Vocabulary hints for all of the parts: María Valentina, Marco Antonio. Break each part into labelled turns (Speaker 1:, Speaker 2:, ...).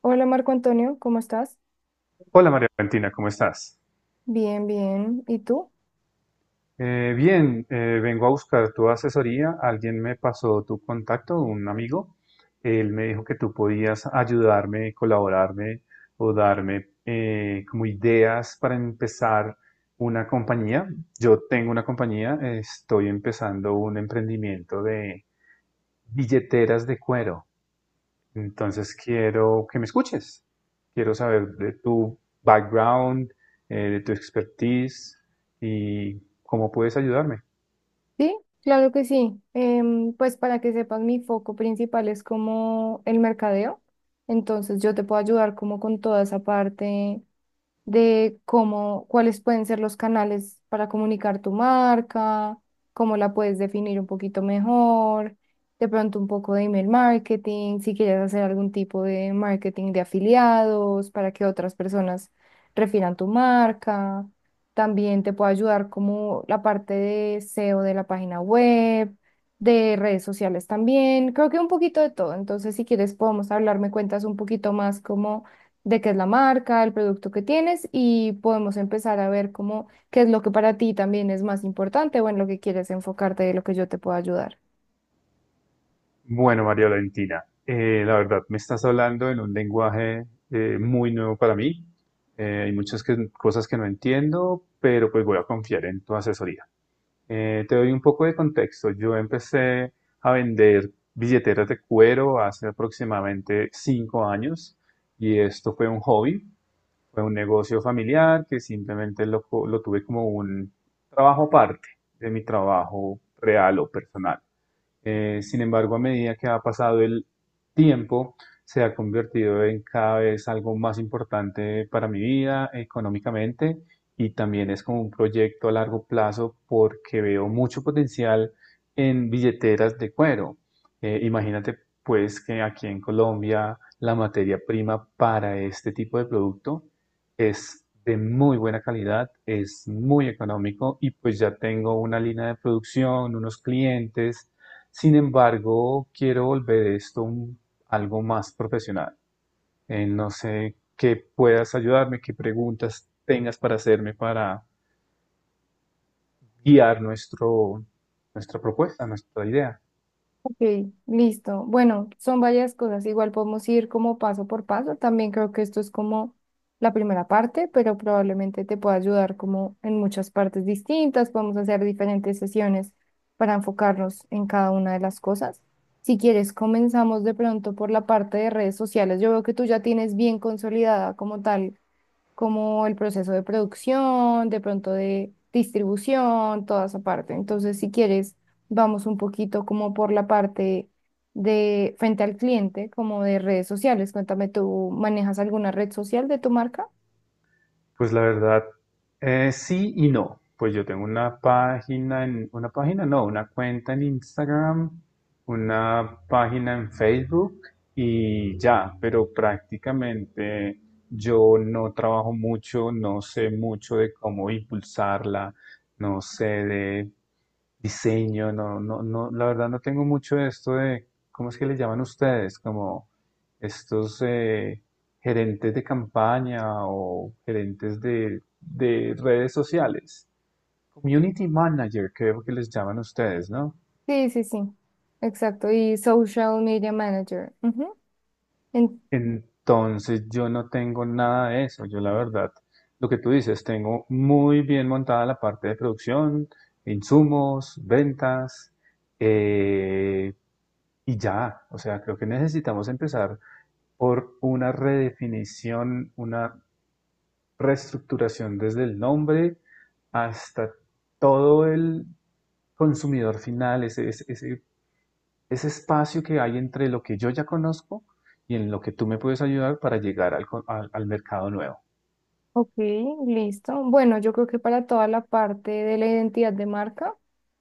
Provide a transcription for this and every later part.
Speaker 1: Hola Marco Antonio, ¿cómo estás?
Speaker 2: Hola María Valentina, ¿cómo estás?
Speaker 1: Bien, bien. ¿Y tú?
Speaker 2: Bien, vengo a buscar tu asesoría. Alguien me pasó tu contacto, un amigo. Él me dijo que tú podías ayudarme, colaborarme o darme como ideas para empezar una compañía. Yo tengo una compañía, estoy empezando un emprendimiento de billeteras de cuero. Entonces quiero que me escuches. Quiero saber de tu background, de tu expertise y cómo puedes ayudarme.
Speaker 1: Sí, claro que sí. Pues para que sepas, mi foco principal es como el mercadeo. Entonces yo te puedo ayudar como con toda esa parte de cómo, cuáles pueden ser los canales para comunicar tu marca, cómo la puedes definir un poquito mejor, de pronto un poco de email marketing, si quieres hacer algún tipo de marketing de afiliados para que otras personas refieran tu marca. También te puede ayudar como la parte de SEO de la página web, de redes sociales también, creo que un poquito de todo. Entonces, si quieres, podemos hablar, me cuentas un poquito más como de qué es la marca, el producto que tienes y podemos empezar a ver cómo qué es lo que para ti también es más importante o en lo que quieres enfocarte de lo que yo te pueda ayudar.
Speaker 2: Bueno, María Valentina, la verdad me estás hablando en un lenguaje muy nuevo para mí. Hay cosas que no entiendo, pero pues voy a confiar en tu asesoría. Te doy un poco de contexto. Yo empecé a vender billeteras de cuero hace aproximadamente 5 años y esto fue un hobby. Fue un negocio familiar que simplemente lo tuve como un trabajo aparte de mi trabajo real o personal. Sin embargo, a medida que ha pasado el tiempo, se ha convertido en cada vez algo más importante para mi vida económicamente y también es como un proyecto a largo plazo porque veo mucho potencial en billeteras de cuero. Imagínate pues que aquí en Colombia la materia prima para este tipo de producto es de muy buena calidad, es muy económico y pues ya tengo una línea de producción, unos clientes sin embargo, quiero volver algo más profesional. No sé qué puedas ayudarme, qué preguntas tengas para hacerme para guiar nuestra propuesta, nuestra idea.
Speaker 1: Ok, listo. Bueno, son varias cosas. Igual podemos ir como paso por paso. También creo que esto es como la primera parte, pero probablemente te pueda ayudar como en muchas partes distintas. Podemos hacer diferentes sesiones para enfocarnos en cada una de las cosas. Si quieres, comenzamos de pronto por la parte de redes sociales. Yo veo que tú ya tienes bien consolidada como tal como el proceso de producción, de pronto de distribución, toda esa parte. Entonces, si quieres, vamos un poquito como por la parte de frente al cliente, como de redes sociales. Cuéntame, ¿tú manejas alguna red social de tu marca?
Speaker 2: Pues la verdad, sí y no. Pues yo tengo una página, no, una cuenta en Instagram, una página en Facebook y ya, pero prácticamente yo no trabajo mucho, no sé mucho de cómo impulsarla, no sé de diseño, no, la verdad no tengo mucho de esto de, ¿cómo es que le llaman ustedes? Como estos, gerentes de campaña o gerentes de redes sociales. Community manager, creo que les llaman ustedes, ¿no?
Speaker 1: Sí, sí, sí. Exacto. Y social media manager. Ujú. En-
Speaker 2: Entonces yo no tengo nada de eso. Yo la verdad, lo que tú dices, tengo muy bien montada la parte de producción, insumos, ventas, eh, y ya. O sea, creo que necesitamos empezar por una redefinición, una reestructuración desde el nombre hasta todo el consumidor final, espacio que hay entre lo que yo ya conozco y en lo que tú me puedes ayudar para llegar al mercado nuevo.
Speaker 1: Ok, listo. Bueno, yo creo que para toda la parte de la identidad de marca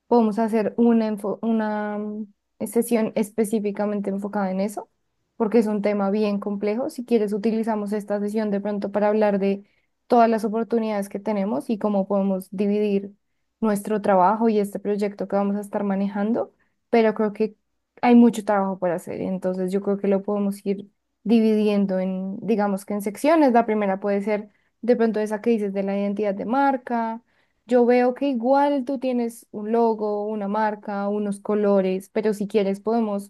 Speaker 1: podemos hacer una sesión específicamente enfocada en eso, porque es un tema bien complejo. Si quieres, utilizamos esta sesión de pronto para hablar de todas las oportunidades que tenemos y cómo podemos dividir nuestro trabajo y este proyecto que vamos a estar manejando, pero creo que hay mucho trabajo por hacer, entonces yo creo que lo podemos ir dividiendo en, digamos que en secciones. La primera puede ser de pronto esa que dices de la identidad de marca. Yo veo que igual tú tienes un logo, una marca, unos colores, pero si quieres podemos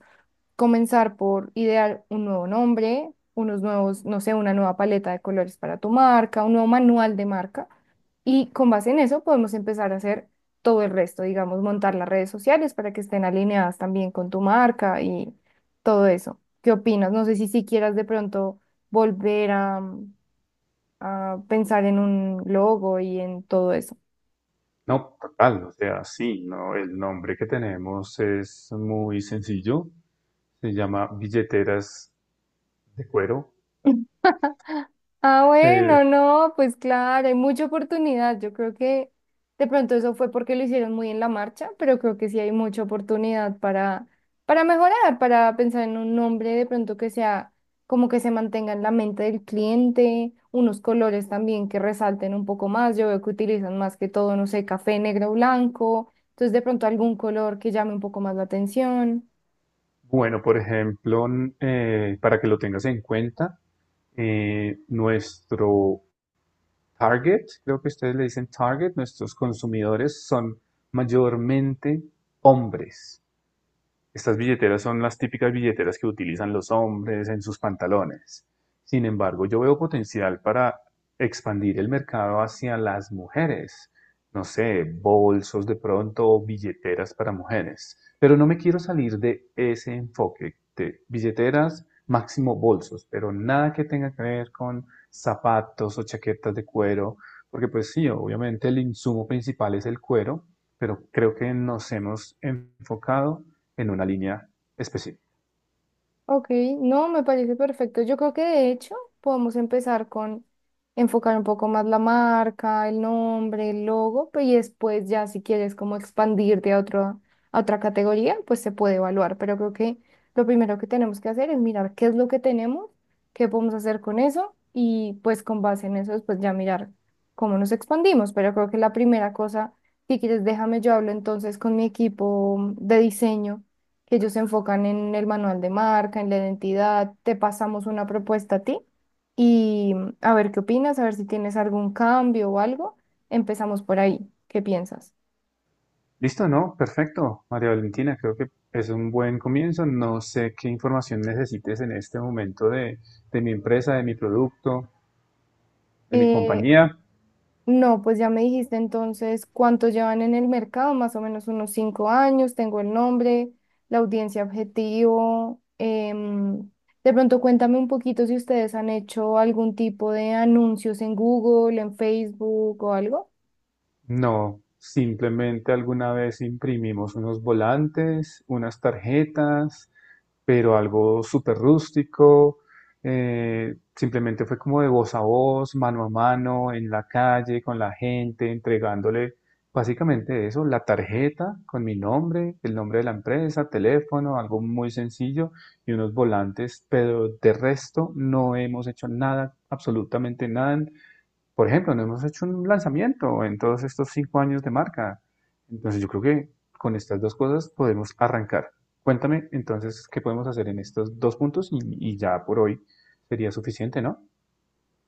Speaker 1: comenzar por idear un nuevo nombre, unos nuevos, no sé, una nueva paleta de colores para tu marca, un nuevo manual de marca. Y con base en eso podemos empezar a hacer todo el resto, digamos, montar las redes sociales para que estén alineadas también con tu marca y todo eso. ¿Qué opinas? No sé si quieras de pronto volver a pensar en un logo y en todo eso.
Speaker 2: No, total, o sea, sí, no, el nombre que tenemos es muy sencillo, se llama billeteras de cuero.
Speaker 1: Ah,
Speaker 2: Eh,
Speaker 1: bueno, no, pues claro, hay mucha oportunidad. Yo creo que de pronto eso fue porque lo hicieron muy en la marcha, pero creo que sí hay mucha oportunidad para mejorar, para pensar en un nombre de pronto que sea como que se mantenga en la mente del cliente, unos colores también que resalten un poco más. Yo veo que utilizan más que todo, no sé, café, negro, blanco. Entonces de pronto algún color que llame un poco más la atención.
Speaker 2: bueno, por ejemplo, para que lo tengas en cuenta, nuestro Target, creo que ustedes le dicen Target, nuestros consumidores son mayormente hombres. Estas billeteras son las típicas billeteras que utilizan los hombres en sus pantalones. Sin embargo, yo veo potencial para expandir el mercado hacia las mujeres. No sé, bolsos de pronto o billeteras para mujeres. Pero no me quiero salir de ese enfoque de billeteras, máximo bolsos, pero nada que tenga que ver con zapatos o chaquetas de cuero, porque pues sí, obviamente el insumo principal es el cuero, pero creo que nos hemos enfocado en una línea específica.
Speaker 1: Ok, no, me parece perfecto. Yo creo que de hecho podemos empezar con enfocar un poco más la marca, el nombre, el logo, y después ya si quieres como expandirte a otro, a otra categoría, pues se puede evaluar. Pero creo que lo primero que tenemos que hacer es mirar qué es lo que tenemos, qué podemos hacer con eso, y pues con base en eso después ya mirar cómo nos expandimos. Pero creo que la primera cosa, si quieres, déjame yo hablo entonces con mi equipo de diseño que ellos se enfocan en el manual de marca, en la identidad, te pasamos una propuesta a ti y a ver qué opinas, a ver si tienes algún cambio o algo. Empezamos por ahí, ¿qué piensas?
Speaker 2: Listo, ¿no? Perfecto, María Valentina, creo que es un buen comienzo. No sé qué información necesites en este momento de mi empresa, de mi producto, de mi
Speaker 1: Eh,
Speaker 2: compañía.
Speaker 1: no, pues ya me dijiste entonces cuánto llevan en el mercado, más o menos unos 5 años, tengo el nombre, la audiencia objetivo. De pronto cuéntame un poquito si ustedes han hecho algún tipo de anuncios en Google, en Facebook o algo.
Speaker 2: No, simplemente alguna vez imprimimos unos volantes, unas tarjetas, pero algo súper rústico. Eh, simplemente fue como de voz a voz, mano a mano, en la calle, con la gente, entregándole básicamente eso, la tarjeta con mi nombre, el nombre de la empresa, teléfono, algo muy sencillo y unos volantes, pero de resto no hemos hecho nada, absolutamente nada. Por ejemplo, no hemos hecho un lanzamiento en todos estos 5 años de marca. Entonces yo creo que con estas dos cosas podemos arrancar. Cuéntame entonces qué podemos hacer en estos dos puntos y ya por hoy sería suficiente, ¿no?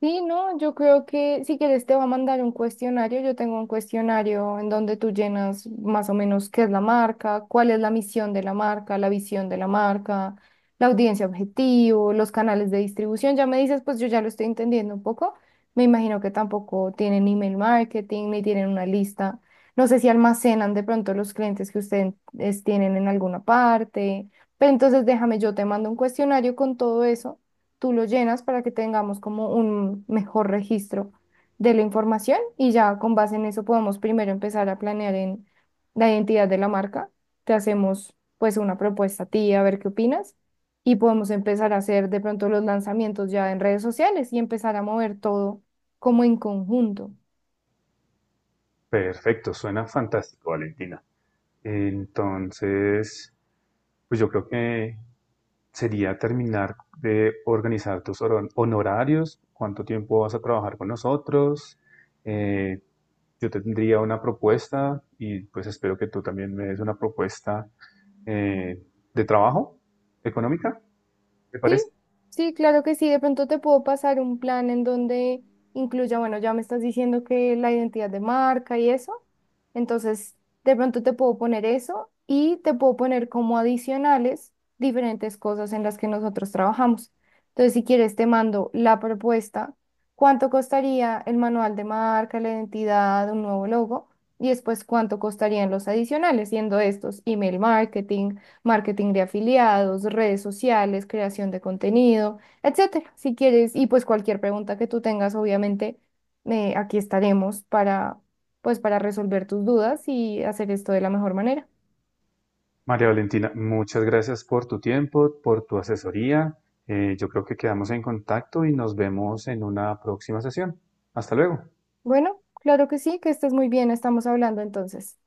Speaker 1: Sí, no, yo creo que si quieres te va a mandar un cuestionario. Yo tengo un cuestionario en donde tú llenas más o menos qué es la marca, cuál es la misión de la marca, la visión de la marca, la audiencia objetivo, los canales de distribución. Ya me dices, pues yo ya lo estoy entendiendo un poco. Me imagino que tampoco tienen email marketing ni tienen una lista. No sé si almacenan de pronto los clientes que ustedes tienen en alguna parte. Pero entonces déjame, yo te mando un cuestionario con todo eso tú lo llenas para que tengamos como un mejor registro de la información y ya con base en eso podemos primero empezar a planear en la identidad de la marca. Te hacemos pues una propuesta a ti a ver qué opinas y podemos empezar a hacer de pronto los lanzamientos ya en redes sociales y empezar a mover todo como en conjunto.
Speaker 2: Perfecto, suena fantástico, Valentina. Entonces, pues yo creo que sería terminar de organizar tus honorarios, cuánto tiempo vas a trabajar con nosotros, eh, yo tendría una propuesta y pues espero que tú también me des una propuesta eh, de trabajo económica, ¿te
Speaker 1: Sí,
Speaker 2: parece?
Speaker 1: sí, claro que sí. De pronto te puedo pasar un plan en donde incluya, bueno, ya me estás diciendo que la identidad de marca y eso. Entonces, de pronto te puedo poner eso y te puedo poner como adicionales diferentes cosas en las que nosotros trabajamos. Entonces, si quieres, te mando la propuesta, cuánto costaría el manual de marca, la identidad, un nuevo logo y después cuánto costarían los adicionales, siendo estos email marketing, marketing de afiliados, redes sociales, creación de contenido, etcétera. Si quieres, y pues cualquier pregunta que tú tengas, obviamente, aquí estaremos para, pues, para resolver tus dudas y hacer esto de la mejor manera.
Speaker 2: María Valentina, muchas gracias por tu tiempo, por tu asesoría. Yo creo que quedamos en contacto y nos vemos en una próxima sesión. Hasta luego.
Speaker 1: Bueno, claro que sí, que estés muy bien, estamos hablando entonces.